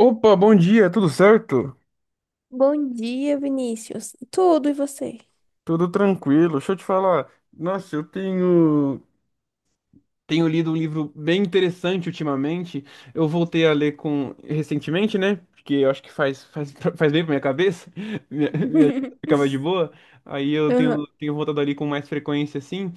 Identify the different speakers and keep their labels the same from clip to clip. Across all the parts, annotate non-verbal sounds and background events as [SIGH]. Speaker 1: Opa, bom dia, tudo certo?
Speaker 2: Bom dia, Vinícius. Tudo e você?
Speaker 1: Tudo tranquilo. Deixa eu te falar. Nossa, eu tenho lido um livro bem interessante ultimamente. Eu voltei a ler com recentemente, né? Porque eu acho que [LAUGHS] faz bem pra minha cabeça. [LAUGHS] Minha ficava de
Speaker 2: [LAUGHS]
Speaker 1: boa. Aí eu
Speaker 2: Aham,
Speaker 1: tenho voltado ali com mais frequência assim.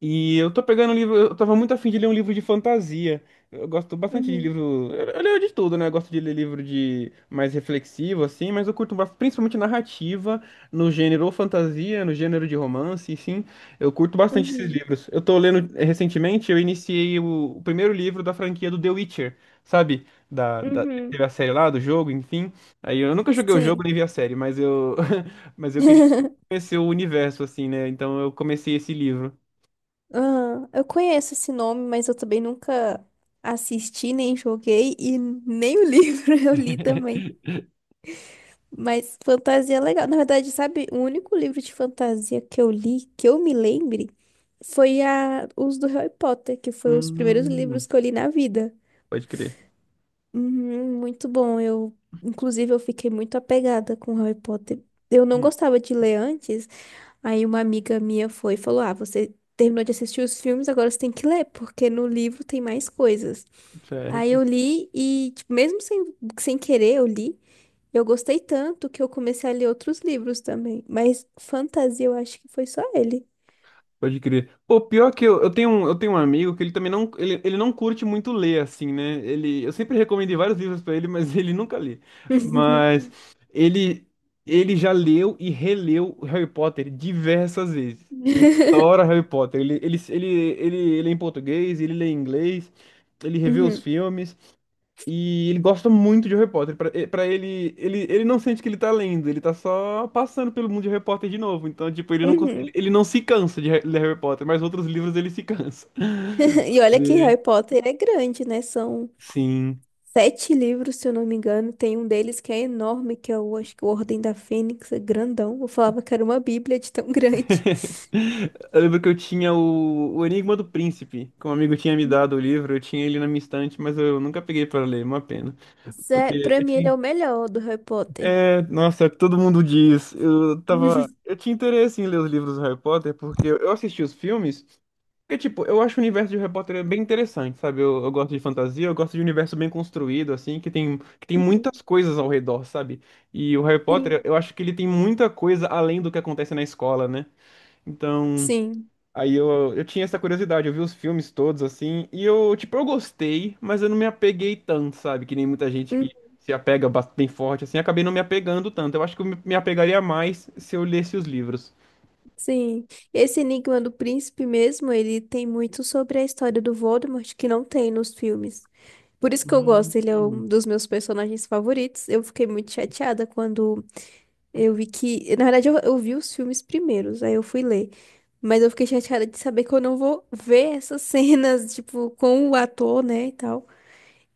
Speaker 1: E eu tô pegando um livro, eu tava muito afim de ler um livro de fantasia. Eu gosto bastante de
Speaker 2: uhum,
Speaker 1: livro, eu leio de tudo, né? Eu gosto de ler livro de mais reflexivo assim, mas eu curto principalmente narrativa no gênero ou fantasia, no gênero de romance, sim. Eu curto bastante esses
Speaker 2: uhum,
Speaker 1: livros. Eu tô lendo recentemente, eu iniciei o primeiro livro da franquia do The Witcher, sabe? Da
Speaker 2: uhum.
Speaker 1: teve a série lá do jogo, enfim. Aí eu nunca joguei o jogo
Speaker 2: Sim.
Speaker 1: nem vi a série, mas eu [LAUGHS] mas eu queria
Speaker 2: [LAUGHS]
Speaker 1: conhecer o universo assim, né? Então eu comecei esse livro.
Speaker 2: Aham, eu conheço esse nome, mas eu também nunca assisti, nem joguei e nem o livro [LAUGHS] eu li também.
Speaker 1: [LAUGHS]
Speaker 2: Mas fantasia é legal. Na verdade, sabe, o único livro de fantasia que eu li, que eu me lembre, foi os do Harry Potter, que foi os primeiros
Speaker 1: Hum,
Speaker 2: livros que eu li na vida.
Speaker 1: pode crer.
Speaker 2: Uhum, muito bom. Eu, inclusive, eu fiquei muito apegada com Harry Potter. Eu não
Speaker 1: Hum,
Speaker 2: gostava de ler antes. Aí uma amiga minha foi e falou: Ah, você terminou de assistir os filmes, agora você tem que ler, porque no livro tem mais coisas. Aí
Speaker 1: Certo,
Speaker 2: eu li e, tipo, mesmo sem querer, eu li. Eu gostei tanto que eu comecei a ler outros livros também. Mas fantasia, eu acho que foi só ele.
Speaker 1: pode crer. Pô, pior que eu, eu tenho um amigo que ele também não, ele não curte muito ler, assim, né? Eu sempre recomendei vários livros pra ele, mas [LAUGHS] ele nunca lê.
Speaker 2: [LAUGHS]
Speaker 1: Mas ele, ele já leu e releu Harry Potter diversas vezes. Ele adora Harry Potter. Ele lê em português, ele lê em inglês, ele revê os
Speaker 2: Uhum,
Speaker 1: filmes. E ele gosta muito de Harry Potter. Pra ele, não sente que ele tá lendo, ele tá só passando pelo mundo de Harry Potter de novo. Então, tipo, ele não, cons- ele
Speaker 2: uhum.
Speaker 1: ele não se cansa de ler Harry Potter, mas outros livros ele se cansa. [LAUGHS]
Speaker 2: [LAUGHS] E olha que
Speaker 1: E-
Speaker 2: Harry Potter é grande, né? São
Speaker 1: Sim.
Speaker 2: sete livros, se eu não me engano. Tem um deles que é enorme, que é acho que o Ordem da Fênix, é grandão. Eu falava que era uma bíblia de tão [LAUGHS] grande.
Speaker 1: [LAUGHS] Eu lembro que eu tinha o Enigma do Príncipe, que um amigo tinha me
Speaker 2: Hum,
Speaker 1: dado o livro, eu tinha ele na minha estante, mas eu nunca peguei pra ler, é uma pena.
Speaker 2: Sério,
Speaker 1: Porque
Speaker 2: pra
Speaker 1: eu
Speaker 2: mim ele é
Speaker 1: tinha.
Speaker 2: o melhor do Harry Potter.
Speaker 1: É, nossa, é o que todo mundo diz. Eu tava.
Speaker 2: [LAUGHS]
Speaker 1: Eu tinha interesse em ler os livros do Harry Potter, porque eu assisti os filmes. Porque, tipo, eu acho o universo de Harry Potter bem interessante, sabe? Eu gosto de fantasia, eu gosto de universo bem construído, assim, que tem, muitas coisas ao redor, sabe? E o Harry Potter,
Speaker 2: Sim,
Speaker 1: eu acho que ele tem muita coisa além do que acontece na escola, né? Então.
Speaker 2: sim.
Speaker 1: Aí eu tinha essa curiosidade, eu vi os filmes todos assim, e eu, tipo, eu gostei, mas eu não me apeguei tanto, sabe? Que nem muita gente
Speaker 2: Hum,
Speaker 1: que se apega bem forte, assim, acabei não me apegando tanto. Eu acho que eu me apegaria mais se eu lesse os livros.
Speaker 2: sim, esse Enigma do Príncipe mesmo, ele tem muito sobre a história do Voldemort que não tem nos filmes. Por isso que eu gosto,
Speaker 1: Hum.
Speaker 2: ele é um dos meus personagens favoritos. Eu fiquei muito chateada quando eu vi que. Na verdade, eu vi os filmes primeiros, aí eu fui ler. Mas eu fiquei chateada de saber que eu não vou ver [LAUGHS] essas cenas, tipo, com o ator, né, e tal.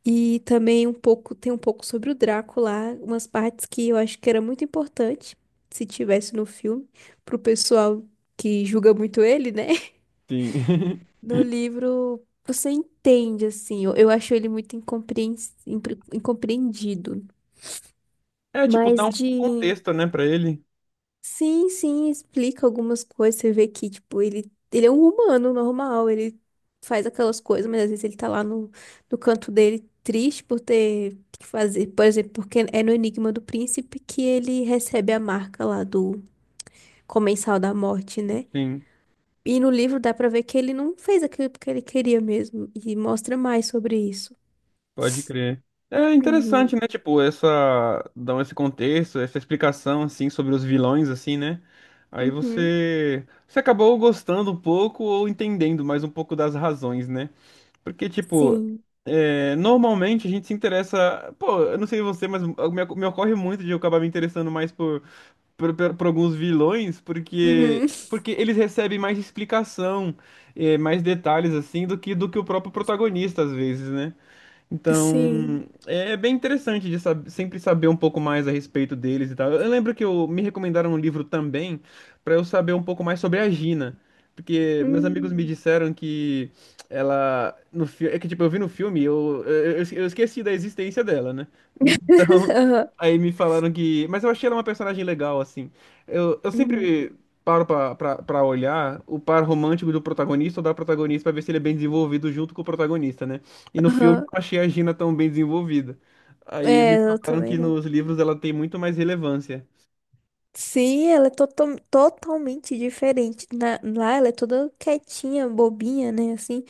Speaker 2: E também um pouco, tem um pouco sobre o Draco lá, umas partes que eu acho que era muito importante, se tivesse no filme, pro pessoal que julga muito ele, né? [LAUGHS]
Speaker 1: Sim. [LAUGHS]
Speaker 2: No livro, você entende, assim, eu acho ele muito incompreendido.
Speaker 1: É, tipo, dá
Speaker 2: Mas
Speaker 1: um
Speaker 2: de
Speaker 1: contexto, né, pra ele.
Speaker 2: Sim, sim, explica algumas coisas. Você vê que, tipo, ele é um humano normal, ele faz aquelas coisas, mas às vezes ele tá lá no canto dele triste por ter que fazer. Por exemplo, porque é no Enigma do Príncipe que ele recebe a marca lá do Comensal da Morte, né?
Speaker 1: Sim.
Speaker 2: E no livro dá pra ver que ele não fez aquilo porque ele queria mesmo, e mostra mais sobre isso.
Speaker 1: Pode crer. É interessante,
Speaker 2: Uhum,
Speaker 1: né? Tipo, dão esse contexto, essa explicação, assim, sobre os vilões, assim, né? Aí
Speaker 2: uhum,
Speaker 1: você acabou gostando um pouco ou entendendo mais um pouco das razões, né? Porque, tipo,
Speaker 2: sim,
Speaker 1: é, normalmente a gente se interessa. Pô, eu não sei você, mas me ocorre muito de eu acabar me interessando mais por alguns vilões, porque,
Speaker 2: uhum,
Speaker 1: porque eles recebem mais explicação, mais detalhes, assim, do que o próprio protagonista, às vezes, né?
Speaker 2: [LAUGHS] sim.
Speaker 1: Então, é bem interessante de sempre saber um pouco mais a respeito deles e tal. Eu lembro que me recomendaram um livro também para eu saber um pouco mais sobre a Gina, porque meus amigos me
Speaker 2: Uhum.
Speaker 1: disseram que ela no filme, é que tipo eu vi no filme, eu esqueci da existência dela, né? [LAUGHS]
Speaker 2: [LAUGHS]
Speaker 1: Então,
Speaker 2: Aham,
Speaker 1: aí me falaram que, mas eu achei ela uma personagem legal assim. Eu
Speaker 2: uhum.
Speaker 1: sempre paro pra olhar o par romântico do protagonista ou da protagonista pra ver se ele é bem desenvolvido junto com o protagonista, né? E no filme eu
Speaker 2: Aham.
Speaker 1: não achei a Gina tão bem desenvolvida. Aí
Speaker 2: É,
Speaker 1: me
Speaker 2: eu
Speaker 1: falaram
Speaker 2: também
Speaker 1: que
Speaker 2: não.
Speaker 1: nos livros ela tem muito mais relevância.
Speaker 2: Sim, ela é totalmente diferente. Lá ela é toda quietinha, bobinha, né? Assim,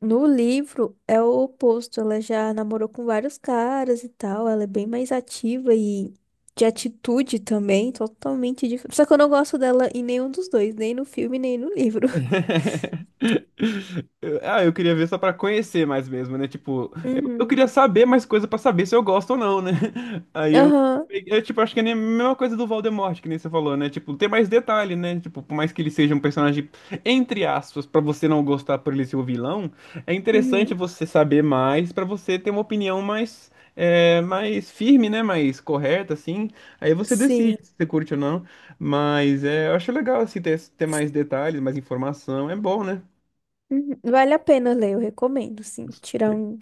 Speaker 2: no livro é o oposto. Ela já namorou com vários caras e tal. Ela é bem mais ativa e de atitude também, totalmente diferente. Só que eu não gosto dela em nenhum dos dois, nem no filme, nem no livro. [LAUGHS]
Speaker 1: [LAUGHS] Ah, eu queria ver só pra conhecer mais mesmo, né? Tipo, eu
Speaker 2: Uhum.
Speaker 1: queria saber mais coisa pra saber se eu gosto ou não, né? [LAUGHS] Aí eu,
Speaker 2: Aham.
Speaker 1: eu tipo, acho que é nem a mesma coisa do Voldemort, que nem você falou, né? Tipo, ter mais detalhe, né? Tipo, por mais que ele seja um personagem, entre aspas, pra você não gostar por ele ser o vilão, é interessante
Speaker 2: Uhum.
Speaker 1: você saber mais pra você ter uma opinião mais firme, né? Mais correta, assim. Aí você
Speaker 2: Sim.
Speaker 1: decide se você curte ou não. Mas eu acho legal assim ter mais detalhes, mais informação. É bom, né?
Speaker 2: Uhum. Vale a pena ler, eu recomendo, sim. Tirar um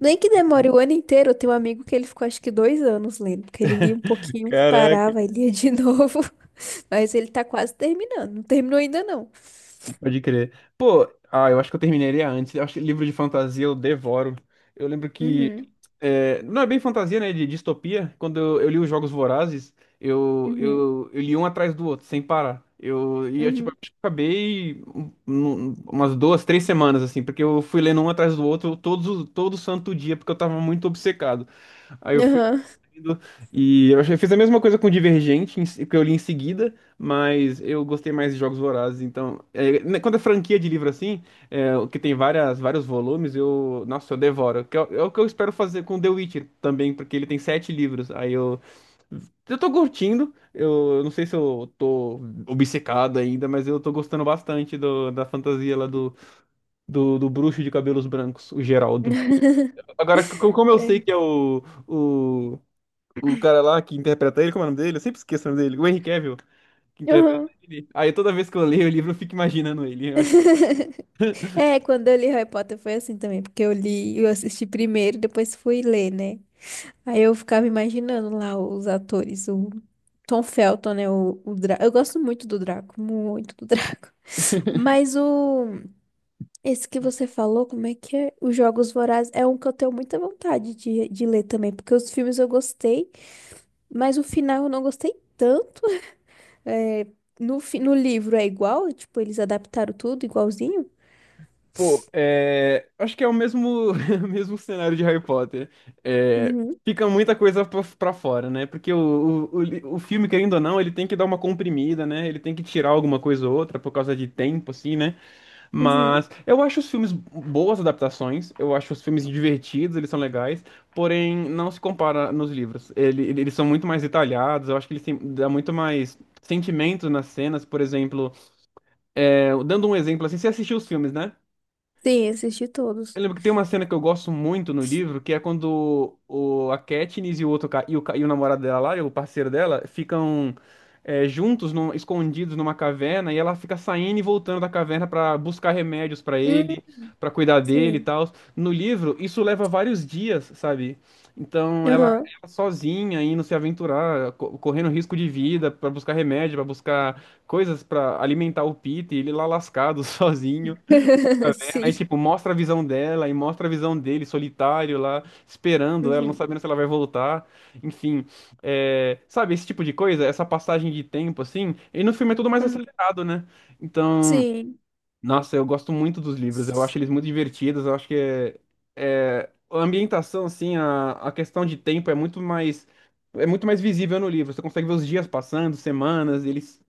Speaker 2: Nem que demore o ano inteiro, eu tenho um amigo que ele ficou acho que 2 anos lendo, porque ele lia um pouquinho,
Speaker 1: Caraca.
Speaker 2: parava e lia de [LAUGHS] novo. Mas ele tá quase terminando, não terminou ainda não.
Speaker 1: Pode crer. Pô, ah, eu acho que eu terminaria antes. Eu acho que livro de fantasia eu devoro. Eu lembro que.
Speaker 2: Uhum,
Speaker 1: Não é bem fantasia, né? De distopia. Quando eu li os Jogos Vorazes, eu,
Speaker 2: uhum,
Speaker 1: eu, eu li um atrás do outro, sem parar. E eu, tipo,
Speaker 2: uhum,
Speaker 1: acho que acabei umas duas, três semanas, assim, porque eu fui lendo um atrás do outro todo santo dia, porque eu tava muito obcecado. Aí eu
Speaker 2: aham.
Speaker 1: E eu achei, fiz a mesma coisa com Divergente, que eu li em seguida, mas eu gostei mais de Jogos Vorazes. Então, né, quando é franquia de livro assim, o que tem várias, vários volumes, eu, nossa, eu devoro. Que é, o é o que eu espero fazer com The Witcher também, porque ele tem sete livros. Aí eu tô curtindo, eu não sei se eu tô obcecado ainda, mas eu tô gostando bastante do, da fantasia lá do, do bruxo de cabelos brancos, o Geraldo.
Speaker 2: [LAUGHS]
Speaker 1: Agora, como eu sei
Speaker 2: É,
Speaker 1: que é o o cara lá que interpreta ele, como é o nome dele? Eu sempre esqueço o nome dele. O Henry Cavill, que interpreta
Speaker 2: aham.
Speaker 1: ele. Aí toda vez que eu leio o livro, eu fico imaginando ele. Eu acho,
Speaker 2: [LAUGHS] É, quando eu li Harry Potter foi assim também, porque eu li, eu assisti primeiro, depois fui ler, né? Aí eu ficava imaginando lá os atores, o Tom Felton, né? O Draco. Eu gosto muito do Draco, muito do Draco. [LAUGHS] Mas o Esse que você falou, como é que é? Os Jogos Vorazes é um que eu tenho muita vontade de, ler também, porque os filmes eu gostei, mas o final eu não gostei tanto. É, no livro é igual, tipo, eles adaptaram tudo igualzinho?
Speaker 1: pô, acho que é o mesmo, [LAUGHS] o mesmo cenário de Harry Potter. É,
Speaker 2: Uhum,
Speaker 1: fica muita coisa pra fora, né? Porque o filme, querendo ou não, ele tem que dar uma comprimida, né? Ele tem que tirar alguma coisa ou outra por causa de tempo, assim, né?
Speaker 2: uhum.
Speaker 1: Mas eu acho os filmes boas adaptações, eu acho os filmes divertidos, eles são legais, porém não se compara nos livros. Eles são muito mais detalhados, eu acho que eles têm, dá muito mais sentimento nas cenas, por exemplo. Dando um exemplo assim, você assistiu os filmes, né?
Speaker 2: Sim, assisti todos.
Speaker 1: Eu lembro que tem uma cena que eu gosto muito no livro, que é quando o, a Katniss e o namorado dela lá, e o parceiro dela, ficam juntos, escondidos numa caverna, e ela fica saindo e voltando da caverna pra buscar remédios pra
Speaker 2: Hum,
Speaker 1: ele, pra cuidar dele e
Speaker 2: Sim.
Speaker 1: tal. No livro, isso leva vários dias, sabe? Então ela,
Speaker 2: Aham.
Speaker 1: ela sozinha indo se aventurar, correndo risco de vida pra buscar remédio, pra buscar coisas pra alimentar o Peter, ele lá lascado [LAUGHS] sozinho.
Speaker 2: [LAUGHS] Sim.
Speaker 1: Aí, tipo, mostra a visão dela e mostra a visão dele solitário lá, esperando ela, não
Speaker 2: Uhum.
Speaker 1: sabendo se ela vai voltar. Enfim, sabe, esse tipo de coisa, essa passagem de tempo, assim. E no filme é tudo mais
Speaker 2: Aham.
Speaker 1: acelerado, né? Então,
Speaker 2: Sim.
Speaker 1: nossa, eu gosto muito dos livros, eu acho eles muito divertidos, eu acho que é, a ambientação, assim, a questão de tempo é muito mais. É muito mais visível no livro. Você consegue ver os dias passando, semanas, eles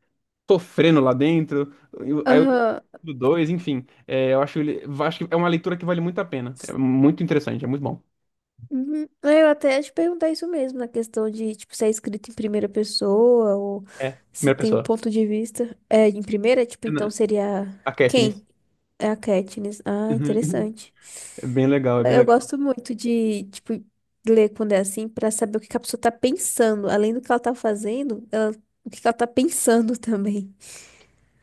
Speaker 1: sofrendo lá dentro. Aí eu li
Speaker 2: Aham.
Speaker 1: do dois, enfim. É, eu acho, acho que é uma leitura que vale muito a pena. É muito interessante, é muito bom.
Speaker 2: Uhum. É, eu até ia te perguntar isso mesmo, na questão de, tipo, se é escrito em primeira pessoa ou
Speaker 1: É,
Speaker 2: se
Speaker 1: primeira
Speaker 2: tem o
Speaker 1: pessoa.
Speaker 2: ponto de vista. É, em primeira, tipo,
Speaker 1: É
Speaker 2: então
Speaker 1: na-
Speaker 2: seria
Speaker 1: A Katniss.
Speaker 2: quem? É a Katniss.
Speaker 1: [LAUGHS]
Speaker 2: Ah,
Speaker 1: Uhum.
Speaker 2: interessante.
Speaker 1: É bem legal, é bem
Speaker 2: É, eu
Speaker 1: legal.
Speaker 2: gosto muito de, tipo, ler quando é assim pra saber o que que a pessoa tá pensando. Além do que ela tá fazendo, o que que ela tá pensando [LAUGHS] também.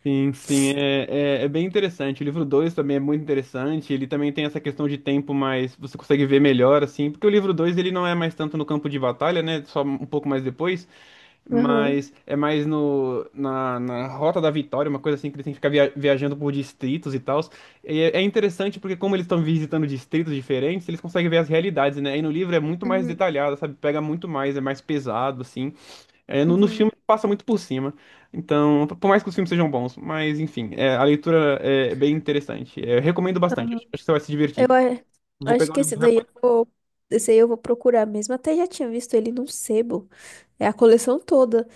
Speaker 1: Sim, sim, é bem interessante. O livro 2 também é muito interessante. Ele também tem essa questão de tempo, mas você consegue ver melhor, assim. Porque o livro 2 ele não é mais tanto no campo de batalha, né? Só um pouco mais depois.
Speaker 2: Aham.
Speaker 1: Mas é mais no, na, na Rota da Vitória, uma coisa assim que eles têm que ficar viajando por distritos e tal. É interessante porque, como eles estão visitando distritos diferentes, eles conseguem ver as realidades, né? E no livro é muito mais
Speaker 2: Uhum.
Speaker 1: detalhado, sabe? Pega muito mais, é mais pesado, assim. É, no filme
Speaker 2: Uhum.
Speaker 1: passa muito por cima. Então, por mais que os filmes sejam bons, mas enfim, a leitura é bem interessante. É, eu recomendo bastante,
Speaker 2: Aham.
Speaker 1: acho que você vai se
Speaker 2: Eu
Speaker 1: divertir. Vou
Speaker 2: acho
Speaker 1: pegar o
Speaker 2: que
Speaker 1: livro do repórter.
Speaker 2: esse aí eu vou procurar mesmo. Até já tinha visto ele num sebo. É a coleção toda.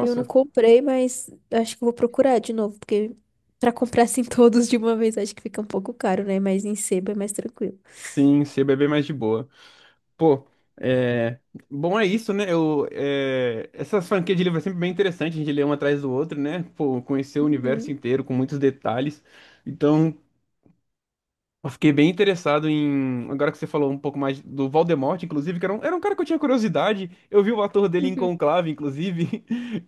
Speaker 2: E eu não comprei, mas acho que eu vou procurar de novo, porque pra comprar assim [LAUGHS] todos de uma vez acho que fica um pouco caro, né? Mas em sebo é mais tranquilo.
Speaker 1: sim, CBB mais de boa. Pô, é... Bom, é isso, né? Essas franquias de livro é sempre bem interessante, a gente lê um atrás do outro, né? Pô, conhecer o universo
Speaker 2: Uhum,
Speaker 1: inteiro com muitos detalhes. Então, eu fiquei bem interessado em. Agora que você falou um pouco mais do Voldemort, inclusive, que era um, cara que eu tinha curiosidade. Eu vi o ator dele em
Speaker 2: uhum.
Speaker 1: Conclave, inclusive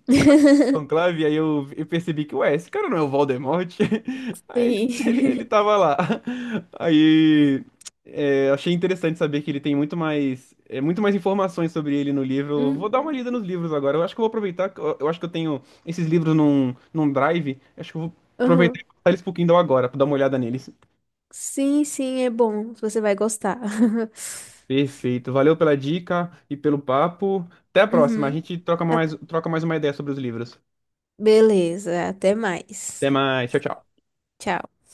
Speaker 2: [LAUGHS]
Speaker 1: conclave, aí eu percebi que, ué, esse cara não é o Voldemort? [LAUGHS] Aí ele, ele,
Speaker 2: Sim.
Speaker 1: ele
Speaker 2: [LAUGHS]
Speaker 1: tava lá. Aí, achei interessante saber que ele tem muito mais informações sobre ele no livro. Eu vou
Speaker 2: Uhum.
Speaker 1: dar uma lida nos livros agora. Eu acho que eu vou aproveitar, que eu acho que eu tenho esses livros num, drive. Acho que eu vou aproveitar e
Speaker 2: Uhum.
Speaker 1: passar eles pro Kindle agora, pra dar uma olhada neles.
Speaker 2: Sim, sim, é bom. Você vai gostar. [LAUGHS]
Speaker 1: Perfeito. Valeu pela dica e pelo papo. Até a próxima. A
Speaker 2: Uhum.
Speaker 1: gente troca
Speaker 2: A-
Speaker 1: mais, troca mais uma ideia sobre os livros.
Speaker 2: Beleza, até
Speaker 1: Até
Speaker 2: mais.
Speaker 1: mais. Tchau, tchau.
Speaker 2: Tchau.